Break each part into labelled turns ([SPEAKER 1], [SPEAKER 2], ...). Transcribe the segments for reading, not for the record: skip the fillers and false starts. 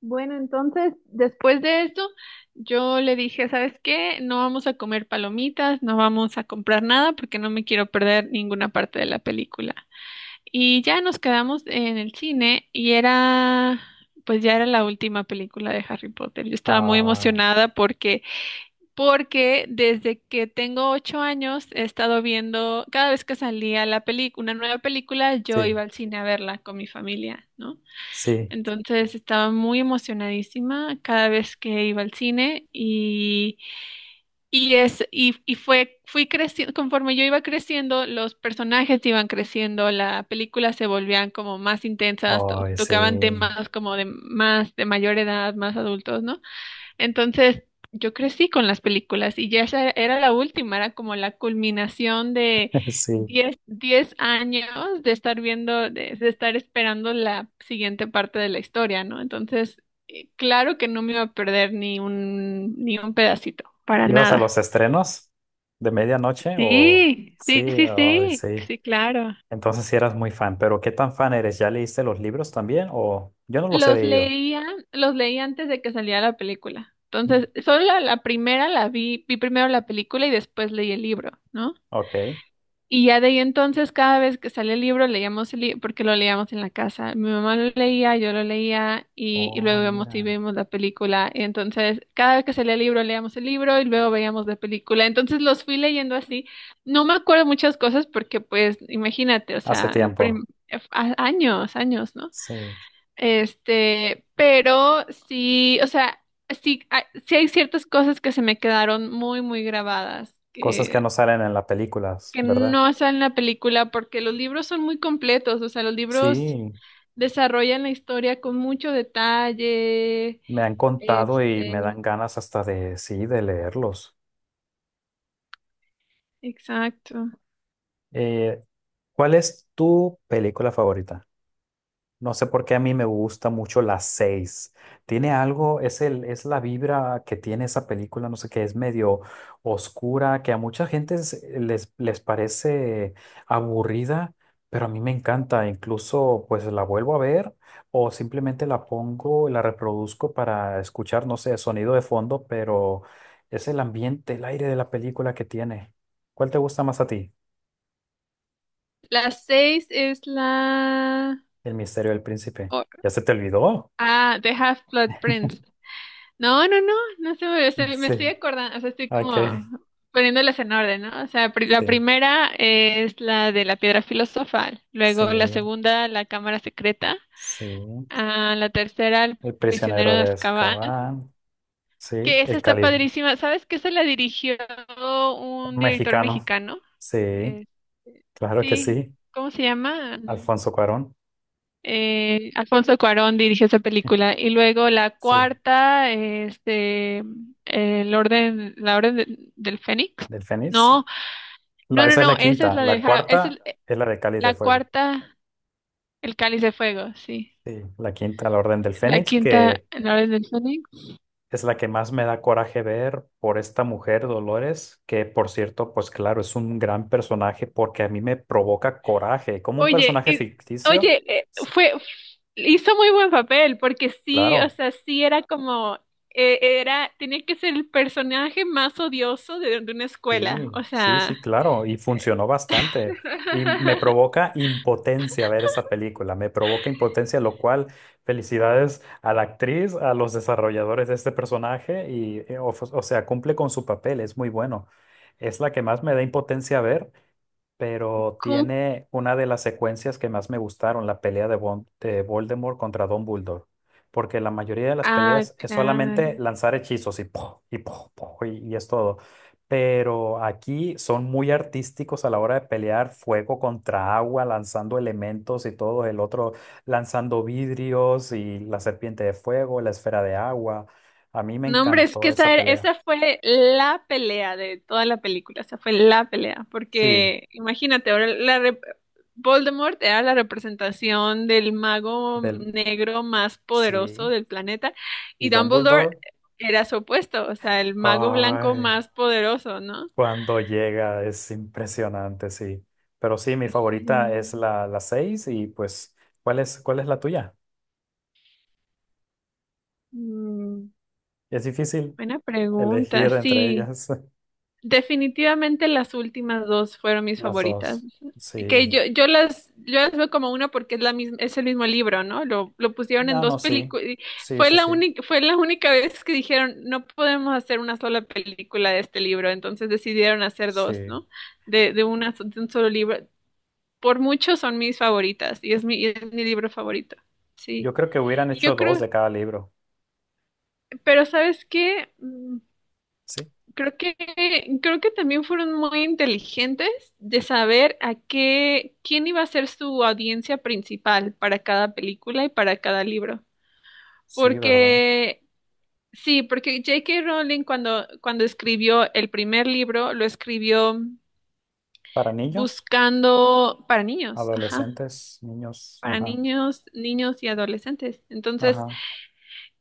[SPEAKER 1] Bueno, entonces, después de esto, yo le dije, ¿sabes qué? No vamos a comer palomitas, no vamos a comprar nada porque no me quiero perder ninguna parte de la película. Y ya nos quedamos en el cine y era, pues ya era la última película de Harry Potter. Yo estaba muy
[SPEAKER 2] Ah,
[SPEAKER 1] emocionada porque desde que tengo ocho años he estado viendo, cada vez que salía la película, una nueva película, yo
[SPEAKER 2] sí,
[SPEAKER 1] iba al cine a verla con mi familia, ¿no?
[SPEAKER 2] sí,
[SPEAKER 1] Entonces estaba muy emocionadísima cada vez que iba al cine y es, y fue, fui creciendo, conforme yo iba creciendo, los personajes iban creciendo, la película se volvían como más intensas,
[SPEAKER 2] ay, sí,
[SPEAKER 1] tocaban temas como de más, de mayor edad, más adultos, ¿no? Entonces, yo crecí con las películas y ya esa era la última, era como la culminación de
[SPEAKER 2] sí.
[SPEAKER 1] diez años de estar viendo, de estar esperando la siguiente parte de la historia, ¿no? Entonces, claro que no me iba a perder ni un pedacito, para
[SPEAKER 2] ¿Ibas a
[SPEAKER 1] nada.
[SPEAKER 2] los estrenos de medianoche o
[SPEAKER 1] Sí, sí,
[SPEAKER 2] sí,
[SPEAKER 1] sí,
[SPEAKER 2] ay,
[SPEAKER 1] sí,
[SPEAKER 2] sí?
[SPEAKER 1] sí, claro.
[SPEAKER 2] Entonces sí eras muy fan, pero ¿qué tan fan eres? ¿Ya leíste los libros también o yo no los he
[SPEAKER 1] Los
[SPEAKER 2] leído?
[SPEAKER 1] leía, los leí antes de que saliera la película.
[SPEAKER 2] Mm.
[SPEAKER 1] Entonces, la primera la vi, vi primero la película y después leí el libro, ¿no?
[SPEAKER 2] Ok.
[SPEAKER 1] Y ya de ahí entonces, cada vez que sale el libro, leíamos el libro, porque lo leíamos en la casa. Mi mamá lo leía, yo lo leía, y
[SPEAKER 2] Oh,
[SPEAKER 1] luego vemos y
[SPEAKER 2] mira.
[SPEAKER 1] vimos la película. Y entonces, cada vez que salía el libro, leíamos el libro y luego veíamos la película. Entonces, los fui leyendo así. No me acuerdo muchas cosas porque, pues, imagínate, o
[SPEAKER 2] Hace
[SPEAKER 1] sea,
[SPEAKER 2] tiempo,
[SPEAKER 1] años, años, ¿no?
[SPEAKER 2] sí.
[SPEAKER 1] Este, pero sí, o sea, sí, sí hay ciertas cosas que se me quedaron muy, muy grabadas
[SPEAKER 2] Cosas que no salen en las películas,
[SPEAKER 1] que
[SPEAKER 2] ¿verdad?
[SPEAKER 1] no sale en la película porque los libros son muy completos, o sea, los libros
[SPEAKER 2] Sí,
[SPEAKER 1] desarrollan la historia con mucho detalle.
[SPEAKER 2] me han contado y
[SPEAKER 1] Este,
[SPEAKER 2] me dan ganas hasta de, sí, de leerlos.
[SPEAKER 1] exacto.
[SPEAKER 2] Eh, ¿Cuál es tu película favorita? No sé por qué a mí me gusta mucho las seis. Tiene algo, es la vibra que tiene esa película, no sé qué, es medio oscura, que a mucha gente les parece aburrida, pero a mí me encanta. Incluso pues la vuelvo a ver o simplemente la pongo, la reproduzco para escuchar, no sé, sonido de fondo, pero es el ambiente, el aire de la película que tiene. ¿Cuál te gusta más a ti?
[SPEAKER 1] La seis es la...
[SPEAKER 2] El misterio del príncipe.
[SPEAKER 1] o-
[SPEAKER 2] ¿Ya se te olvidó?
[SPEAKER 1] ah, The Half-Blood Prince. No, no, no, me estoy
[SPEAKER 2] Sí.
[SPEAKER 1] acordando, o sea, estoy
[SPEAKER 2] Ok.
[SPEAKER 1] como poniéndolas en orden, ¿no? O sea, la
[SPEAKER 2] Sí.
[SPEAKER 1] primera es la de la piedra filosofal,
[SPEAKER 2] Sí,
[SPEAKER 1] luego la segunda, la cámara secreta,
[SPEAKER 2] sí.
[SPEAKER 1] ah, la tercera, el
[SPEAKER 2] El
[SPEAKER 1] prisionero
[SPEAKER 2] prisionero
[SPEAKER 1] de
[SPEAKER 2] de
[SPEAKER 1] Azkaban.
[SPEAKER 2] Azkaban. Sí,
[SPEAKER 1] Que esa
[SPEAKER 2] el
[SPEAKER 1] está
[SPEAKER 2] cáliz
[SPEAKER 1] padrísima. ¿Sabes que se la dirigió un director
[SPEAKER 2] mexicano.
[SPEAKER 1] mexicano?
[SPEAKER 2] Sí,
[SPEAKER 1] Eh,
[SPEAKER 2] claro que
[SPEAKER 1] sí,
[SPEAKER 2] sí.
[SPEAKER 1] ¿cómo se llama?
[SPEAKER 2] Alfonso Cuarón.
[SPEAKER 1] Alfonso Cuarón dirigió esa película. Y luego la
[SPEAKER 2] Sí,
[SPEAKER 1] cuarta, este, la orden del Fénix.
[SPEAKER 2] del Fénix.
[SPEAKER 1] No,
[SPEAKER 2] La,
[SPEAKER 1] no, no,
[SPEAKER 2] esa es
[SPEAKER 1] no,
[SPEAKER 2] la
[SPEAKER 1] esa es
[SPEAKER 2] quinta.
[SPEAKER 1] la de,
[SPEAKER 2] La
[SPEAKER 1] Esa es
[SPEAKER 2] cuarta es la de Cáliz de
[SPEAKER 1] la
[SPEAKER 2] Fuego.
[SPEAKER 1] cuarta, el Cáliz de Fuego, sí.
[SPEAKER 2] Sí, la quinta, la Orden del
[SPEAKER 1] La
[SPEAKER 2] Fénix,
[SPEAKER 1] quinta,
[SPEAKER 2] que
[SPEAKER 1] la orden del Fénix.
[SPEAKER 2] es la que más me da coraje ver por esta mujer, Dolores, que por cierto, pues claro, es un gran personaje porque a mí me provoca coraje. Como un
[SPEAKER 1] Oye,
[SPEAKER 2] personaje
[SPEAKER 1] y-
[SPEAKER 2] ficticio,
[SPEAKER 1] oye,
[SPEAKER 2] sí,
[SPEAKER 1] hizo muy buen papel, porque sí, o
[SPEAKER 2] claro.
[SPEAKER 1] sea, sí era como, tenía que ser el personaje más odioso de una escuela,
[SPEAKER 2] Sí,
[SPEAKER 1] o
[SPEAKER 2] sí,
[SPEAKER 1] sea,
[SPEAKER 2] sí, claro, y funcionó bastante. Y me provoca impotencia ver esa película, me provoca impotencia, lo cual felicidades a la actriz, a los desarrolladores de este personaje, y, o sea, cumple con su papel, es muy bueno. Es la que más me da impotencia ver, pero
[SPEAKER 1] cum-
[SPEAKER 2] tiene una de las secuencias que más me gustaron, la pelea de, de Voldemort contra Dumbledore, porque la mayoría de las
[SPEAKER 1] Ah,
[SPEAKER 2] peleas es solamente
[SPEAKER 1] claro.
[SPEAKER 2] lanzar hechizos y ¡pum! Y ¡pum! ¡Pum! Y es todo. Pero aquí son muy artísticos a la hora de pelear fuego contra agua, lanzando elementos y todo, el otro lanzando vidrios y la serpiente de fuego, la esfera de agua. A mí me
[SPEAKER 1] No, hombre, es que
[SPEAKER 2] encantó
[SPEAKER 1] esa,
[SPEAKER 2] esa pelea.
[SPEAKER 1] esa fue la pelea de toda la película, esa fue la pelea,
[SPEAKER 2] Sí,
[SPEAKER 1] porque imagínate, ahora Voldemort era la representación del mago
[SPEAKER 2] del,
[SPEAKER 1] negro más
[SPEAKER 2] sí.
[SPEAKER 1] poderoso del planeta
[SPEAKER 2] Y
[SPEAKER 1] y Dumbledore
[SPEAKER 2] Dumbledore.
[SPEAKER 1] era su opuesto, o sea, el mago blanco
[SPEAKER 2] Ay.
[SPEAKER 1] más poderoso, ¿no?
[SPEAKER 2] Cuando llega es impresionante, sí. Pero sí, mi favorita es
[SPEAKER 1] Sí.
[SPEAKER 2] la 6 y pues, cuál es la tuya?
[SPEAKER 1] Mm,
[SPEAKER 2] Es difícil
[SPEAKER 1] buena pregunta,
[SPEAKER 2] elegir entre
[SPEAKER 1] sí.
[SPEAKER 2] ellas
[SPEAKER 1] Definitivamente las últimas dos fueron mis
[SPEAKER 2] las
[SPEAKER 1] favoritas.
[SPEAKER 2] dos.
[SPEAKER 1] Que
[SPEAKER 2] Sí.
[SPEAKER 1] yo las veo como una porque es la misma, es el mismo libro, ¿no? Lo pusieron en
[SPEAKER 2] Ah,
[SPEAKER 1] dos
[SPEAKER 2] no, sí.
[SPEAKER 1] películas.
[SPEAKER 2] Sí, sí, sí.
[SPEAKER 1] Fue la única vez que dijeron, no podemos hacer una sola película de este libro, entonces decidieron hacer dos,
[SPEAKER 2] Sí.
[SPEAKER 1] ¿no? De una, de un solo libro. Por mucho son mis favoritas y es mi libro favorito. Sí.
[SPEAKER 2] Yo creo que hubieran
[SPEAKER 1] Y yo
[SPEAKER 2] hecho dos
[SPEAKER 1] creo,
[SPEAKER 2] de cada libro.
[SPEAKER 1] pero ¿sabes qué?
[SPEAKER 2] Sí.
[SPEAKER 1] Creo que, creo que también fueron muy inteligentes de saber a qué, quién iba a ser su audiencia principal para cada película y para cada libro.
[SPEAKER 2] Sí, ¿verdad?
[SPEAKER 1] Porque, sí, porque J.K. Rowling cuando escribió el primer libro, lo escribió
[SPEAKER 2] Para niños,
[SPEAKER 1] buscando para niños, ajá,
[SPEAKER 2] adolescentes, niños.
[SPEAKER 1] para
[SPEAKER 2] Ajá.
[SPEAKER 1] niños, niños y adolescentes. Entonces,
[SPEAKER 2] Ajá.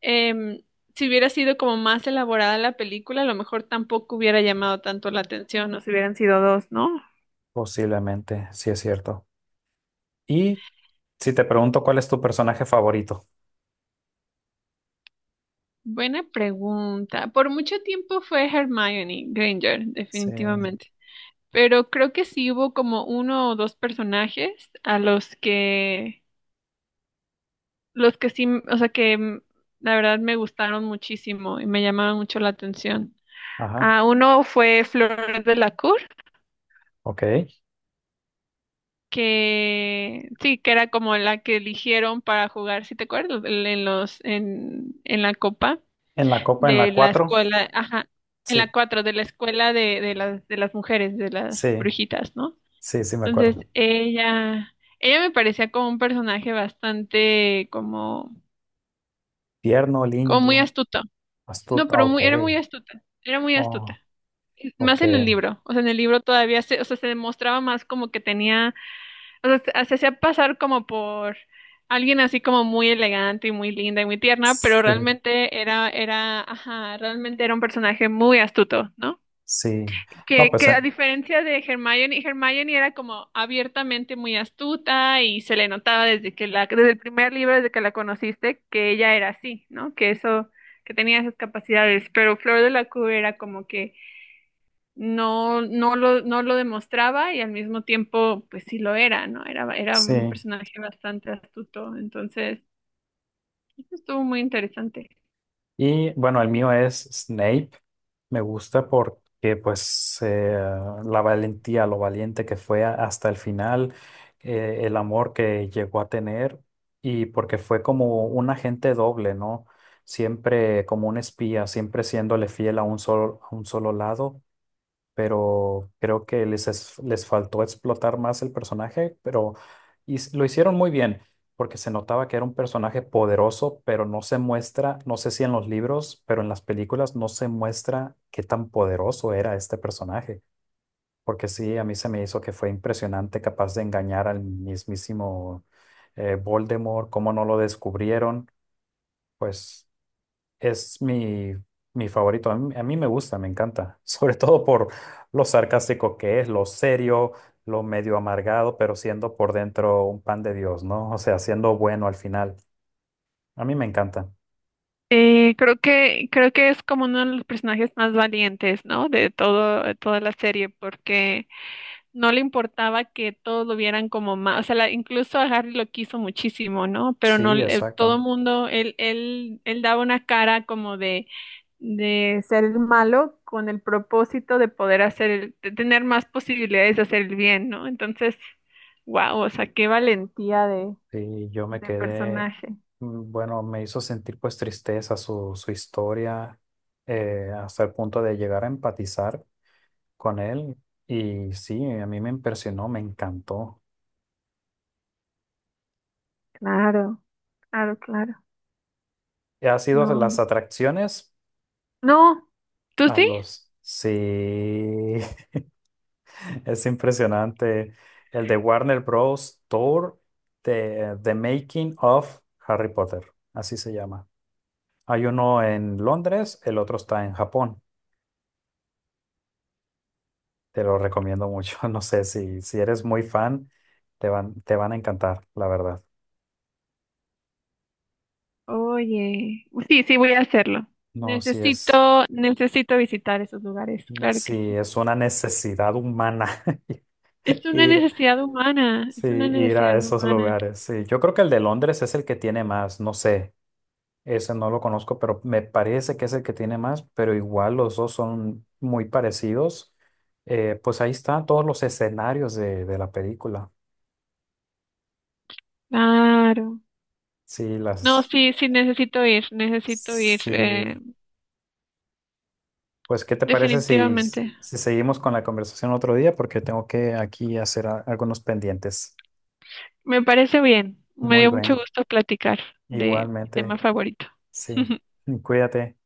[SPEAKER 1] em, si hubiera sido como más elaborada la película, a lo mejor tampoco hubiera llamado tanto la atención, o si hubieran sido dos, ¿no?
[SPEAKER 2] Posiblemente, sí es cierto. Y si te pregunto cuál es tu personaje favorito.
[SPEAKER 1] Buena pregunta. Por mucho tiempo fue Hermione Granger,
[SPEAKER 2] Sí.
[SPEAKER 1] definitivamente. Pero creo que sí hubo como uno o dos personajes a los que sí, o sea, que mm, la verdad me gustaron muchísimo y me llamaban mucho la atención.
[SPEAKER 2] Ajá.
[SPEAKER 1] Ah, uno fue Flor de la Cour,
[SPEAKER 2] Ok.
[SPEAKER 1] que sí, que era como la que eligieron para jugar, si te acuerdas, en la copa.
[SPEAKER 2] En la copa, en la
[SPEAKER 1] De la
[SPEAKER 2] cuatro.
[SPEAKER 1] escuela, ajá, en
[SPEAKER 2] Sí,
[SPEAKER 1] la cuatro, de la escuela de las mujeres, de las
[SPEAKER 2] sí,
[SPEAKER 1] brujitas, ¿no?
[SPEAKER 2] sí, sí, me
[SPEAKER 1] Entonces,
[SPEAKER 2] acuerdo.
[SPEAKER 1] ella, ella me parecía como un personaje bastante, como,
[SPEAKER 2] Tierno,
[SPEAKER 1] como muy
[SPEAKER 2] lindo,
[SPEAKER 1] astuto. No,
[SPEAKER 2] astuto. Ah,
[SPEAKER 1] pero
[SPEAKER 2] ok.
[SPEAKER 1] muy, era muy astuta, era muy astuta.
[SPEAKER 2] Oh, ok.
[SPEAKER 1] Más en el libro, o sea, en el libro todavía se, o sea, se demostraba más como que tenía, o sea, se hacía pasar como por alguien así como muy elegante y muy linda y muy tierna, pero
[SPEAKER 2] Sí,
[SPEAKER 1] realmente ajá, realmente era un personaje muy astuto, ¿no?
[SPEAKER 2] sí. No, pues
[SPEAKER 1] Que a diferencia de Hermione, Hermione era como abiertamente muy astuta y se le notaba desde el primer libro, desde que la conociste, que ella era así, ¿no? Que eso, que tenía esas capacidades, pero Flor de la Cueva era como que no lo demostraba y al mismo tiempo, pues sí lo era, ¿no? Era un
[SPEAKER 2] sí.
[SPEAKER 1] personaje bastante astuto, entonces, eso estuvo muy interesante.
[SPEAKER 2] Y bueno, el mío es Snape. Me gusta porque pues la valentía, lo valiente que fue hasta el final, el amor que llegó a tener y porque fue como un agente doble, ¿no? Siempre como un espía, siempre siéndole fiel a un solo lado, pero creo que les faltó explotar más el personaje, pero lo hicieron muy bien, porque se notaba que era un personaje poderoso, pero no se muestra, no sé si en los libros, pero en las películas no se muestra qué tan poderoso era este personaje, porque sí, a mí se me hizo que fue impresionante, capaz de engañar al mismísimo Voldemort, cómo no lo descubrieron, pues... Es mi favorito. A mí me gusta, me encanta. Sobre todo por lo sarcástico que es, lo serio, lo medio amargado, pero siendo por dentro un pan de Dios, ¿no? O sea, siendo bueno al final. A mí me encanta.
[SPEAKER 1] Creo que es como uno de los personajes más valientes, ¿no? De todo toda la serie, porque no le importaba que todos lo vieran como más, o sea, incluso a Harry lo quiso muchísimo, ¿no? Pero no,
[SPEAKER 2] Sí,
[SPEAKER 1] todo
[SPEAKER 2] exacto.
[SPEAKER 1] mundo, él daba una cara como de ser el malo con el propósito de poder hacer, de tener más posibilidades de hacer el bien, ¿no? Entonces, wow, o sea, qué valentía
[SPEAKER 2] Sí, yo me
[SPEAKER 1] de
[SPEAKER 2] quedé,
[SPEAKER 1] personaje.
[SPEAKER 2] bueno, me hizo sentir pues tristeza su historia, hasta el punto de llegar a empatizar con él. Y sí, a mí me impresionó, me encantó.
[SPEAKER 1] Claro, claro, claro.
[SPEAKER 2] Ha sido
[SPEAKER 1] No,
[SPEAKER 2] las
[SPEAKER 1] hombre.
[SPEAKER 2] atracciones.
[SPEAKER 1] No, ¿tú
[SPEAKER 2] A
[SPEAKER 1] sí?
[SPEAKER 2] los... Sí, es impresionante. El de Warner Bros. Tour de The Making of Harry Potter. Así se llama. Hay uno en Londres, el otro está en Japón. Te lo recomiendo mucho. No sé si eres muy fan, te van a encantar, la verdad.
[SPEAKER 1] Oye, sí, sí, voy a hacerlo.
[SPEAKER 2] No, si es,
[SPEAKER 1] Necesito, necesito visitar esos lugares, claro que
[SPEAKER 2] si
[SPEAKER 1] sí.
[SPEAKER 2] es una necesidad humana
[SPEAKER 1] Es una
[SPEAKER 2] ir,
[SPEAKER 1] necesidad humana,
[SPEAKER 2] sí,
[SPEAKER 1] es una
[SPEAKER 2] ir a
[SPEAKER 1] necesidad
[SPEAKER 2] esos
[SPEAKER 1] humana.
[SPEAKER 2] lugares. Sí, yo creo que el de Londres es el que tiene más, no sé. Ese no lo conozco, pero me parece que es el que tiene más, pero igual los dos son muy parecidos. Pues ahí están todos los escenarios de la película.
[SPEAKER 1] Claro.
[SPEAKER 2] Sí,
[SPEAKER 1] No,
[SPEAKER 2] las...
[SPEAKER 1] sí, sí, necesito ir,
[SPEAKER 2] Sí, pues ¿qué te parece
[SPEAKER 1] definitivamente.
[SPEAKER 2] si seguimos con la conversación otro día? Porque tengo que aquí hacer algunos pendientes.
[SPEAKER 1] Me parece bien. Me
[SPEAKER 2] Muy
[SPEAKER 1] dio mucho
[SPEAKER 2] bien,
[SPEAKER 1] gusto platicar de mi tema
[SPEAKER 2] igualmente,
[SPEAKER 1] favorito.
[SPEAKER 2] sí. Cuídate.